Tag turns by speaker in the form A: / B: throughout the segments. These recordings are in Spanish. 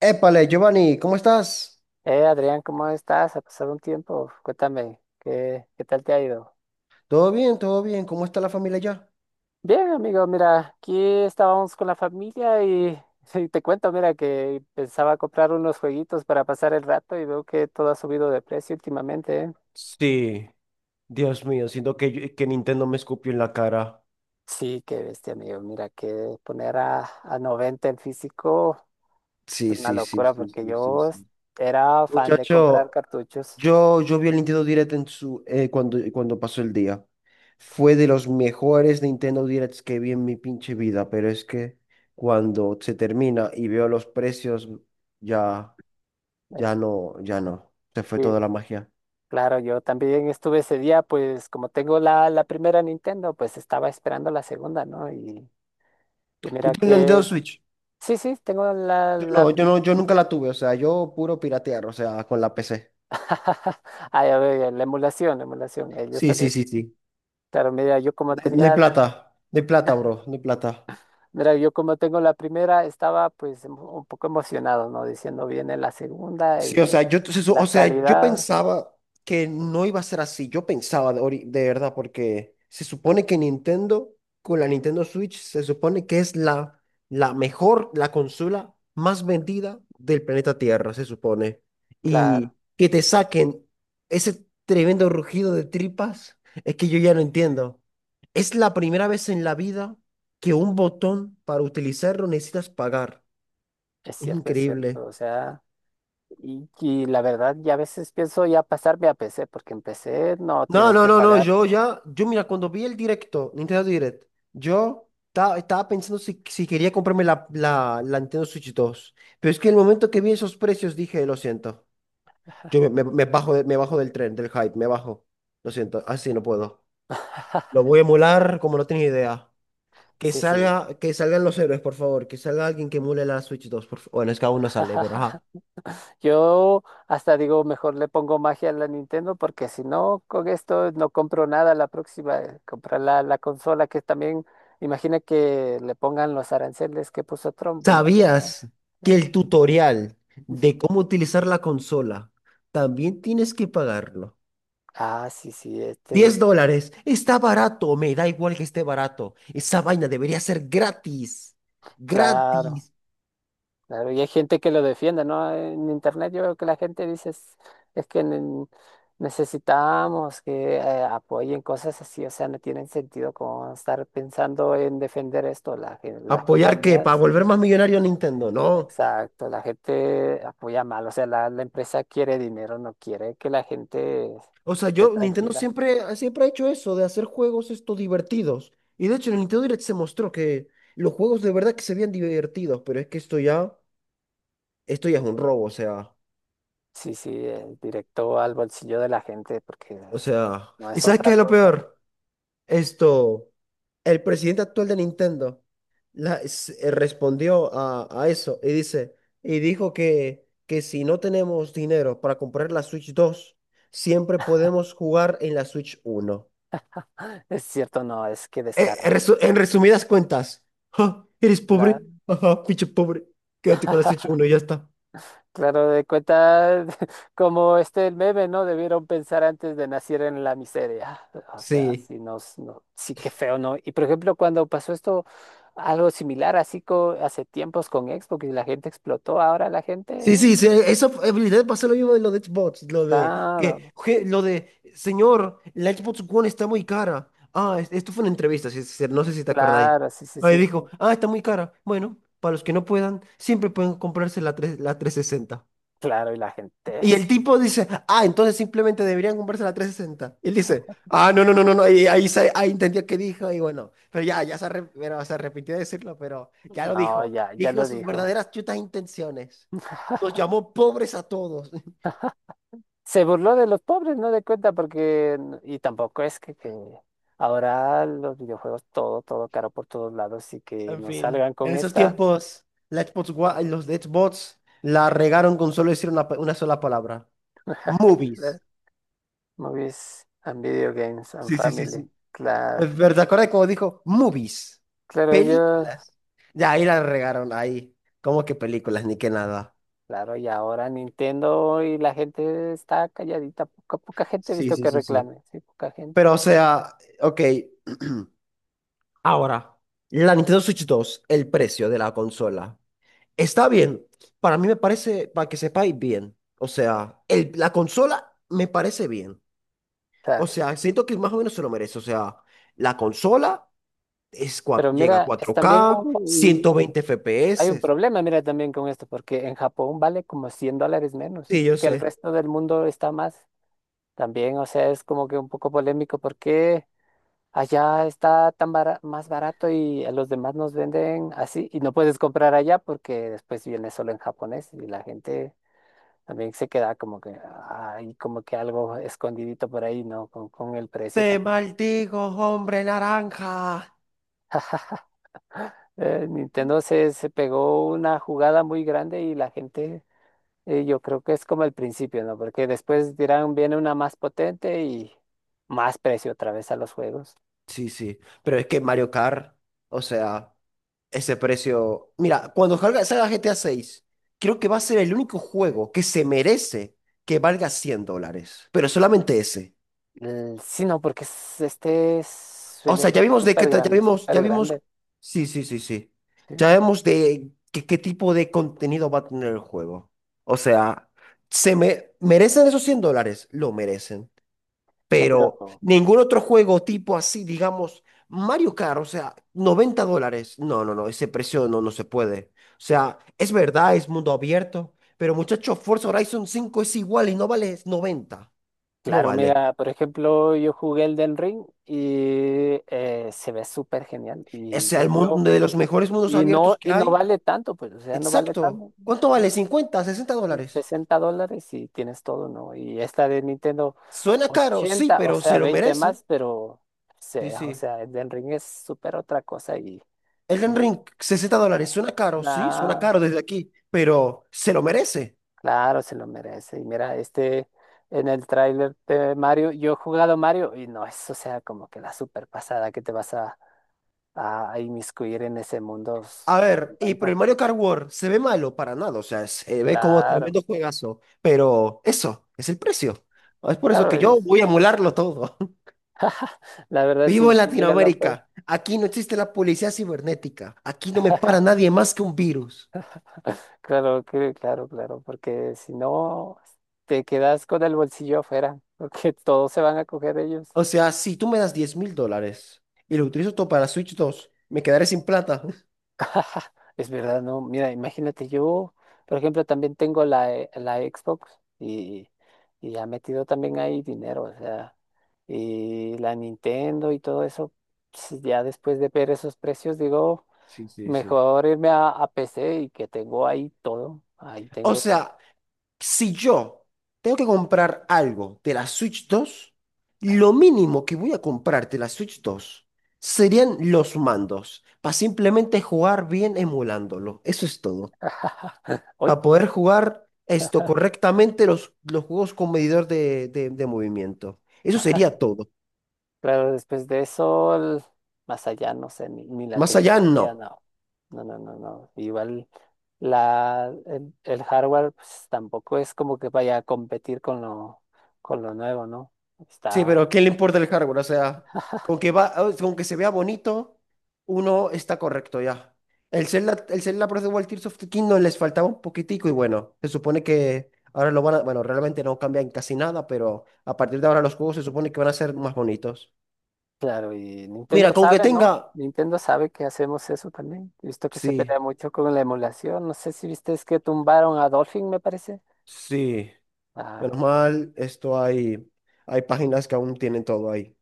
A: Épale, Giovanni, ¿cómo estás?
B: Adrián, ¿cómo estás? Ha pasado un tiempo. Cuéntame, ¿qué tal te ha ido?
A: ¿Todo bien? ¿Todo bien? ¿Cómo está la familia ya?
B: Bien, amigo, mira, aquí estábamos con la familia y, y te cuento, mira, que pensaba comprar unos jueguitos para pasar el rato y veo que todo ha subido de precio últimamente, ¿eh?
A: Sí, Dios mío, siento que Nintendo me escupió en la cara.
B: Sí, qué bestia, amigo. Mira, que poner a 90 el físico es
A: Sí,
B: una
A: sí, sí,
B: locura
A: sí,
B: porque
A: sí, sí,
B: yo
A: sí.
B: era fan de comprar
A: Muchacho,
B: cartuchos.
A: yo vi el Nintendo Direct cuando pasó el día. Fue de los mejores Nintendo Directs que vi en mi pinche vida, pero es que cuando se termina y veo los precios, ya, ya no, ya no. Se fue toda
B: Sí,
A: la magia.
B: claro, yo también estuve ese día, pues como tengo la primera Nintendo, pues estaba esperando la segunda, ¿no? Y
A: ¿Tú
B: mira
A: tienes una Nintendo
B: que,
A: Switch?
B: sí, sí, tengo
A: No, yo no, yo nunca la tuve, o sea, yo puro piratear, o sea, con la PC.
B: ah, ya veo, ya, la emulación, ellos
A: Sí,
B: también,
A: sí, sí, sí.
B: claro, mira, yo como
A: No hay
B: tenía, la-
A: plata, no hay plata, bro, no hay plata.
B: mira, yo como tengo la primera, estaba pues un poco emocionado, ¿no? Diciendo viene la segunda
A: Sí, o
B: y
A: sea, entonces,
B: la
A: o sea, yo
B: calidad,
A: pensaba que no iba a ser así. Yo pensaba de verdad, porque se supone que Nintendo, con la Nintendo Switch, se supone que es la mejor, la consola más vendida del planeta Tierra, se supone.
B: claro,
A: Y que te saquen ese tremendo rugido de tripas, es que yo ya no entiendo. Es la primera vez en la vida que un botón para utilizarlo necesitas pagar. Es
B: es
A: increíble.
B: cierto, o sea... Y, y la verdad, ya a veces pienso ya pasarme a PC, porque en PC no
A: No,
B: tienes
A: no,
B: que
A: no, no,
B: pagar.
A: yo mira, cuando vi el directo, Nintendo Direct, estaba pensando si quería comprarme la Nintendo Switch 2, pero es que el momento que vi esos precios dije, lo siento, yo me bajo, me bajo del tren, del hype, me bajo, lo siento, así no puedo. Lo voy a emular como no tienes idea. Que
B: Sí, sí.
A: salga, que salgan los héroes, por favor, que salga alguien que emule la Switch 2. Bueno, es que aún no sale, pero ajá.
B: Yo hasta digo, mejor le pongo magia a la Nintendo porque si no, con esto no compro nada la próxima. Comprar la consola que también, imagina que le pongan los aranceles que puso Trump, imagina,
A: ¿Sabías que
B: ¿no?
A: el tutorial de cómo utilizar la consola también tienes que pagarlo?
B: Ah, sí, sí, este,
A: $10. Está barato. Me da igual que esté barato. Esa vaina debería ser gratis.
B: claro.
A: Gratis.
B: Claro, y hay gente que lo defiende, ¿no? En internet yo veo que la gente dice es que necesitamos que apoyen cosas así, o sea, no tienen sentido como estar pensando en defender esto. Las
A: ¿Apoyar qué? ¿Para
B: compañías,
A: volver más millonario a Nintendo? No.
B: exacto, la gente apoya mal, o sea, la empresa quiere dinero, no quiere que la gente
A: O sea,
B: esté
A: Nintendo
B: tranquila.
A: siempre, siempre ha hecho eso, de hacer juegos esto divertidos. Y de hecho, en el Nintendo Direct se mostró que los juegos de verdad que se veían divertidos, pero es que esto ya, es un robo, o sea,
B: Sí, sí, directo al bolsillo de la gente, porque
A: o sea.
B: no
A: ¿Y
B: es
A: sabes
B: otra
A: qué es lo
B: cosa.
A: peor? Esto, el presidente actual de Nintendo respondió a eso y dijo que si no tenemos dinero para comprar la Switch 2 siempre podemos jugar en la Switch 1.
B: Es cierto, no, es que descarado,
A: En resumidas cuentas: "Ja, eres
B: ¿verdad?
A: pobre, ajá, pinche pobre, quédate con la Switch uno y ya está".
B: Claro, de cuenta como este el meme, ¿no? Debieron pensar antes de nacer en la miseria. Ah, o sea,
A: Sí.
B: sí, nos, no, sí que feo, ¿no? Y por ejemplo, cuando pasó esto, algo similar, así hace tiempos con Xbox y la gente explotó, ahora la
A: Sí,
B: gente,
A: sí, sí, esa habilidad pasa lo mismo de lo de Xbox,
B: claro,
A: lo de, señor, la Xbox One está muy cara. Ah, esto fue una entrevista, sí, sí, no sé si te acordáis.
B: claro, sí, sí,
A: Ahí
B: sí,
A: dijo, ah, está muy cara. Bueno, para los que no puedan, siempre pueden comprarse la 360.
B: claro, y la gente
A: Y
B: es,
A: el tipo dice, ah, entonces simplemente deberían comprarse la 360. Y él dice, ah, no, no, no, no, no. Y ahí, ahí entendió qué dijo, y bueno, pero se arrepintió de decirlo, pero ya lo
B: no,
A: dijo.
B: ya, ya
A: Dijo
B: lo
A: sus
B: dijo.
A: verdaderas chutas intenciones. Nos llamó pobres a todos.
B: Se burló de los pobres, no de cuenta, porque, y tampoco es que ahora los videojuegos todo, todo caro por todos lados y que
A: En
B: nos
A: fin,
B: salgan
A: en
B: con
A: esos
B: esta,
A: tiempos, los de Xbox la regaron con solo decir una sola palabra.
B: ¿verdad?
A: Movies.
B: Movies and Video Games and
A: Sí, sí, sí,
B: Family,
A: sí.
B: claro,
A: Pero ¿te acuerdas cómo dijo? Movies,
B: claro, ellos,
A: películas. Ya ahí la regaron, ahí. ¿Cómo que películas? Ni que nada.
B: claro, y ahora Nintendo y la gente está calladita, poca, poca gente he
A: Sí,
B: visto
A: sí,
B: que
A: sí, sí.
B: reclame, sí, poca
A: Pero
B: gente,
A: o sea, ok. Ahora, la Nintendo Switch 2, el precio de la consola. Está bien. Para mí me parece, para que sepáis bien. O sea, la consola me parece bien. O
B: claro.
A: sea, siento que más o menos se lo merece. O sea, la consola
B: Pero
A: llega a
B: mira, están bien,
A: 4K, 120
B: hay un
A: FPS.
B: problema, mira, también con esto, porque en Japón vale como $100 menos, y
A: Sí, yo
B: porque el
A: sé.
B: resto del mundo está más. También, o sea, es como que un poco polémico porque allá está más barato y a los demás nos venden así, y no puedes comprar allá porque después viene solo en japonés y la gente también se queda como que hay como que algo escondidito por ahí, ¿no? Con el
A: Te
B: precio también.
A: maldigo, hombre naranja.
B: Nintendo se pegó una jugada muy grande y la gente. Y yo creo que es como el principio, ¿no? Porque después dirán, viene una más potente y más precio otra vez a los juegos.
A: Sí, sí, pero es que Mario Kart, o sea, ese precio. Mira, cuando salga GTA 6, creo que va a ser el único juego que se merece que valga $100, pero solamente ese.
B: Sí, no, porque
A: O
B: suele
A: sea, ya
B: ser
A: vimos de qué,
B: súper
A: tra- ya
B: grande,
A: vimos,
B: súper
A: ya vimos.
B: grande.
A: Sí, sí, sí, sí.
B: ¿Sí?
A: Ya vemos de qué tipo de contenido va a tener el juego. O sea, se me... ¿Merecen esos $100? Lo merecen.
B: Ya,
A: Pero
B: pero
A: ningún otro juego tipo así, digamos, Mario Kart, o sea, $90. No, no, no, ese precio no, no se puede. O sea, es verdad, es mundo abierto, pero muchachos, Forza Horizon 5 es igual y no vale 90. No
B: claro,
A: vale.
B: mira, por ejemplo, yo jugué el Elden Ring y se ve súper genial.
A: O
B: Y
A: sea,
B: yo
A: el
B: creo,
A: mundo de los mejores mundos abiertos que
B: y no
A: hay.
B: vale tanto, pues, o sea, no vale
A: Exacto.
B: tanto.
A: ¿Cuánto vale? 50 a 60 dólares?
B: $60 y tienes todo, ¿no? Y esta de Nintendo,
A: Suena caro, sí,
B: 80, o
A: pero
B: sea,
A: se lo
B: 20
A: merece.
B: más, pero,
A: Sí,
B: o
A: sí.
B: sea, el del ring es súper otra cosa y,
A: Elden
B: y
A: Ring, $60. Suena caro, sí, suena
B: la-
A: caro desde aquí, pero se lo merece.
B: claro, se lo merece. Y mira, este, en el tráiler de Mario, yo he jugado Mario y no es, o sea, como que la super pasada que te vas a inmiscuir en ese mundo
A: A
B: tanto,
A: ver, y pero
B: tanto.
A: el Mario Kart World se ve malo para nada, o sea, se ve como
B: Claro,
A: tremendo juegazo, pero eso es el precio. Es por eso
B: claro,
A: que yo
B: es,
A: voy a emularlo todo.
B: la verdad,
A: Vivo
B: si,
A: en
B: si llega la...
A: Latinoamérica, aquí no existe la policía cibernética, aquí no me para nadie más que un virus.
B: Claro, claro, claro, porque si no, te quedas con el bolsillo afuera, porque todos se van a coger ellos.
A: O sea, si tú me das $10,000 y lo utilizo todo para la Switch 2, me quedaré sin plata.
B: Es verdad, ¿no? Mira, imagínate, yo, por ejemplo, también tengo la, la Xbox y ha metido también ahí dinero, o sea, y la Nintendo y todo eso, pues, ya después de ver esos precios, digo,
A: Sí, sí, sí.
B: mejor irme a PC y que tengo ahí todo, ahí
A: O
B: tengo. Todo.
A: sea, si yo tengo que comprar algo de la Switch 2, lo mínimo que voy a comprar de la Switch 2 serían los mandos, para simplemente jugar bien emulándolo. Eso es todo. Para poder jugar esto correctamente, los juegos con medidor de movimiento. Eso sería todo.
B: Claro, después de eso, más allá, no sé, ni la
A: Más allá,
B: tecnología,
A: no.
B: no. No, no, no, no. Igual la, el hardware, pues tampoco es como que vaya a competir con lo nuevo, ¿no?
A: Sí, pero
B: Está
A: ¿qué le importa el hardware? O sea, con que se vea bonito, uno está correcto ya. El Zelda Breath of the Wild, Tears of the Kingdom les faltaba un poquitico y bueno, se supone que ahora lo van a, bueno, realmente no cambian casi nada, pero a partir de ahora los juegos se supone que van a ser más bonitos.
B: claro, y Nintendo
A: Mira, con que
B: sabe,
A: tenga,
B: ¿no? Nintendo sabe que hacemos eso también. He visto que se
A: sí,
B: pelea mucho con la emulación. No sé si viste, es que tumbaron a Dolphin, me parece.
A: sí,
B: Ay,
A: menos mal, hay páginas que aún tienen todo ahí.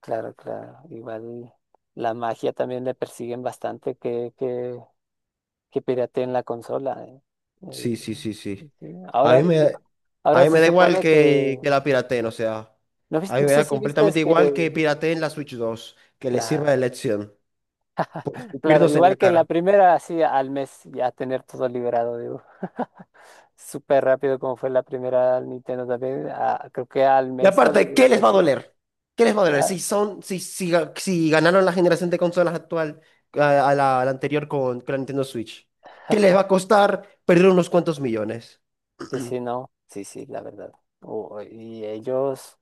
B: claro, claro. Igual la magia también le persiguen bastante, que que pirateen la consola. Eh.
A: Sí, sí, sí, sí.
B: Sí.
A: A mí
B: Ahora,
A: me, a
B: ahora
A: mí me
B: se
A: da igual
B: supone que,
A: que la pirateen, o sea,
B: no,
A: a mí
B: no
A: me
B: sé
A: da
B: si viste es
A: completamente igual que
B: que,
A: pirateen la Switch 2, que les
B: claro,
A: sirva de lección, por
B: claro,
A: escupirnos en la
B: igual que en la
A: cara.
B: primera, así al mes ya tener todo liberado, digo, súper rápido como fue la primera Nintendo también, ah, creo que al
A: Y
B: mes o a las
A: aparte,
B: dos
A: ¿qué les va a
B: veces,
A: doler? ¿Qué les va a doler?
B: claro.
A: Si son, si, si, ga- si ganaron la generación de consolas actual a la anterior con la Nintendo Switch, ¿qué les va a costar perder unos cuantos millones?
B: Sí, sí, no, sí, sí, la verdad. Oh, y ellos...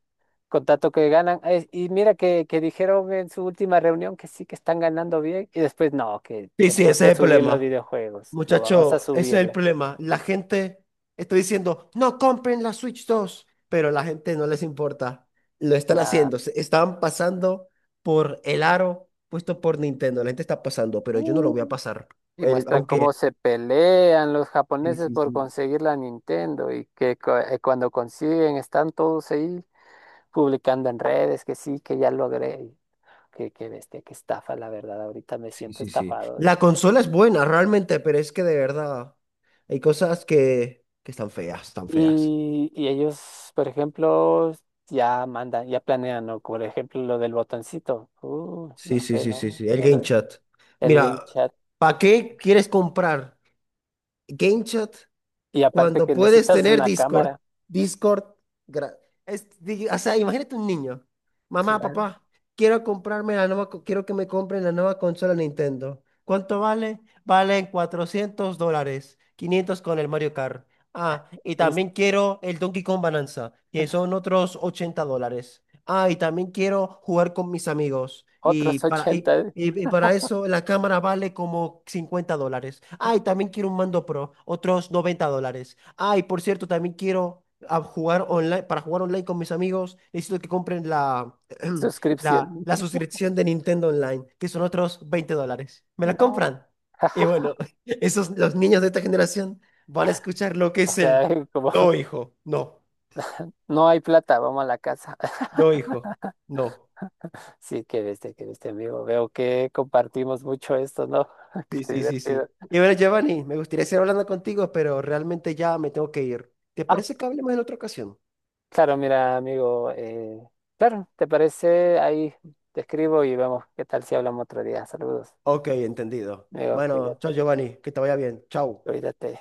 B: con tanto que ganan. Y mira que dijeron en su última reunión que sí que están ganando bien y después no, que
A: Sí, sí, ese
B: tenemos
A: es
B: que
A: el
B: subir los
A: problema.
B: videojuegos. No, vamos a
A: Muchacho, ese es el
B: subirle.
A: problema. La gente está diciendo, no compren la Switch 2, pero la gente no les importa. Lo están
B: La...
A: haciendo. Están pasando por el aro puesto por Nintendo. La gente está pasando, pero yo no lo
B: uh,
A: voy a pasar.
B: y
A: El-
B: muestran cómo
A: aunque...
B: se pelean los
A: Sí,
B: japoneses
A: sí,
B: por
A: sí.
B: conseguir la Nintendo y que cuando consiguen están todos ahí publicando en redes que sí, que ya logré. Que bestia, que estafa, la verdad. Ahorita me
A: Sí,
B: siento
A: sí, sí.
B: estafado.
A: La consola es buena, realmente, pero es que de verdad hay cosas que están feas, están feas.
B: Y ellos, por ejemplo, ya mandan, ya planean, ¿no? Por ejemplo, lo del botoncito. No
A: Sí, sí,
B: sé,
A: sí, sí,
B: ¿no?
A: sí. El Game Chat.
B: El game
A: Mira,
B: chat.
A: ¿para qué quieres comprar Game Chat?
B: Y aparte
A: Cuando
B: que
A: puedes
B: necesitas
A: tener
B: una
A: Discord,
B: cámara.
A: Discord, gra- o sea, imagínate un niño: mamá,
B: Claro.
A: papá, quiero comprarme quiero que me compren la nueva consola Nintendo. ¿Cuánto vale? Valen $400, 500 con el Mario Kart. Ah, y
B: Y
A: también quiero el Donkey Kong Bonanza, que son otros $80. Ah, y también quiero jugar con mis amigos. Y
B: otros
A: para, y,
B: ochenta
A: y para eso la cámara vale como $50. Ay, también quiero un mando pro, otros $90. Ay, por cierto, también quiero jugar online; para jugar online con mis amigos, necesito que compren la, la,
B: suscripción.
A: la suscripción de Nintendo Online, que son otros $20. ¿Me la
B: No.
A: compran? Y bueno, esos, los niños de esta generación van a escuchar lo que
B: O
A: es
B: sea,
A: el
B: como
A: no, hijo, no,
B: no hay plata, vamos a la casa.
A: no, hijo, no.
B: Sí, que viste, amigo. Veo que compartimos mucho esto, ¿no?
A: Sí,
B: Qué
A: sí, sí,
B: divertido.
A: sí. Y bueno, Giovanni, me gustaría seguir hablando contigo, pero realmente ya me tengo que ir. ¿Te parece que hablemos en otra ocasión?
B: Claro, mira, amigo, claro, ¿te parece? Ahí te escribo y vemos qué tal si hablamos otro día. Saludos.
A: Ok, entendido.
B: Amigo,
A: Bueno,
B: cuídate,
A: chao, Giovanni, que te vaya bien. Chao.
B: cuídate.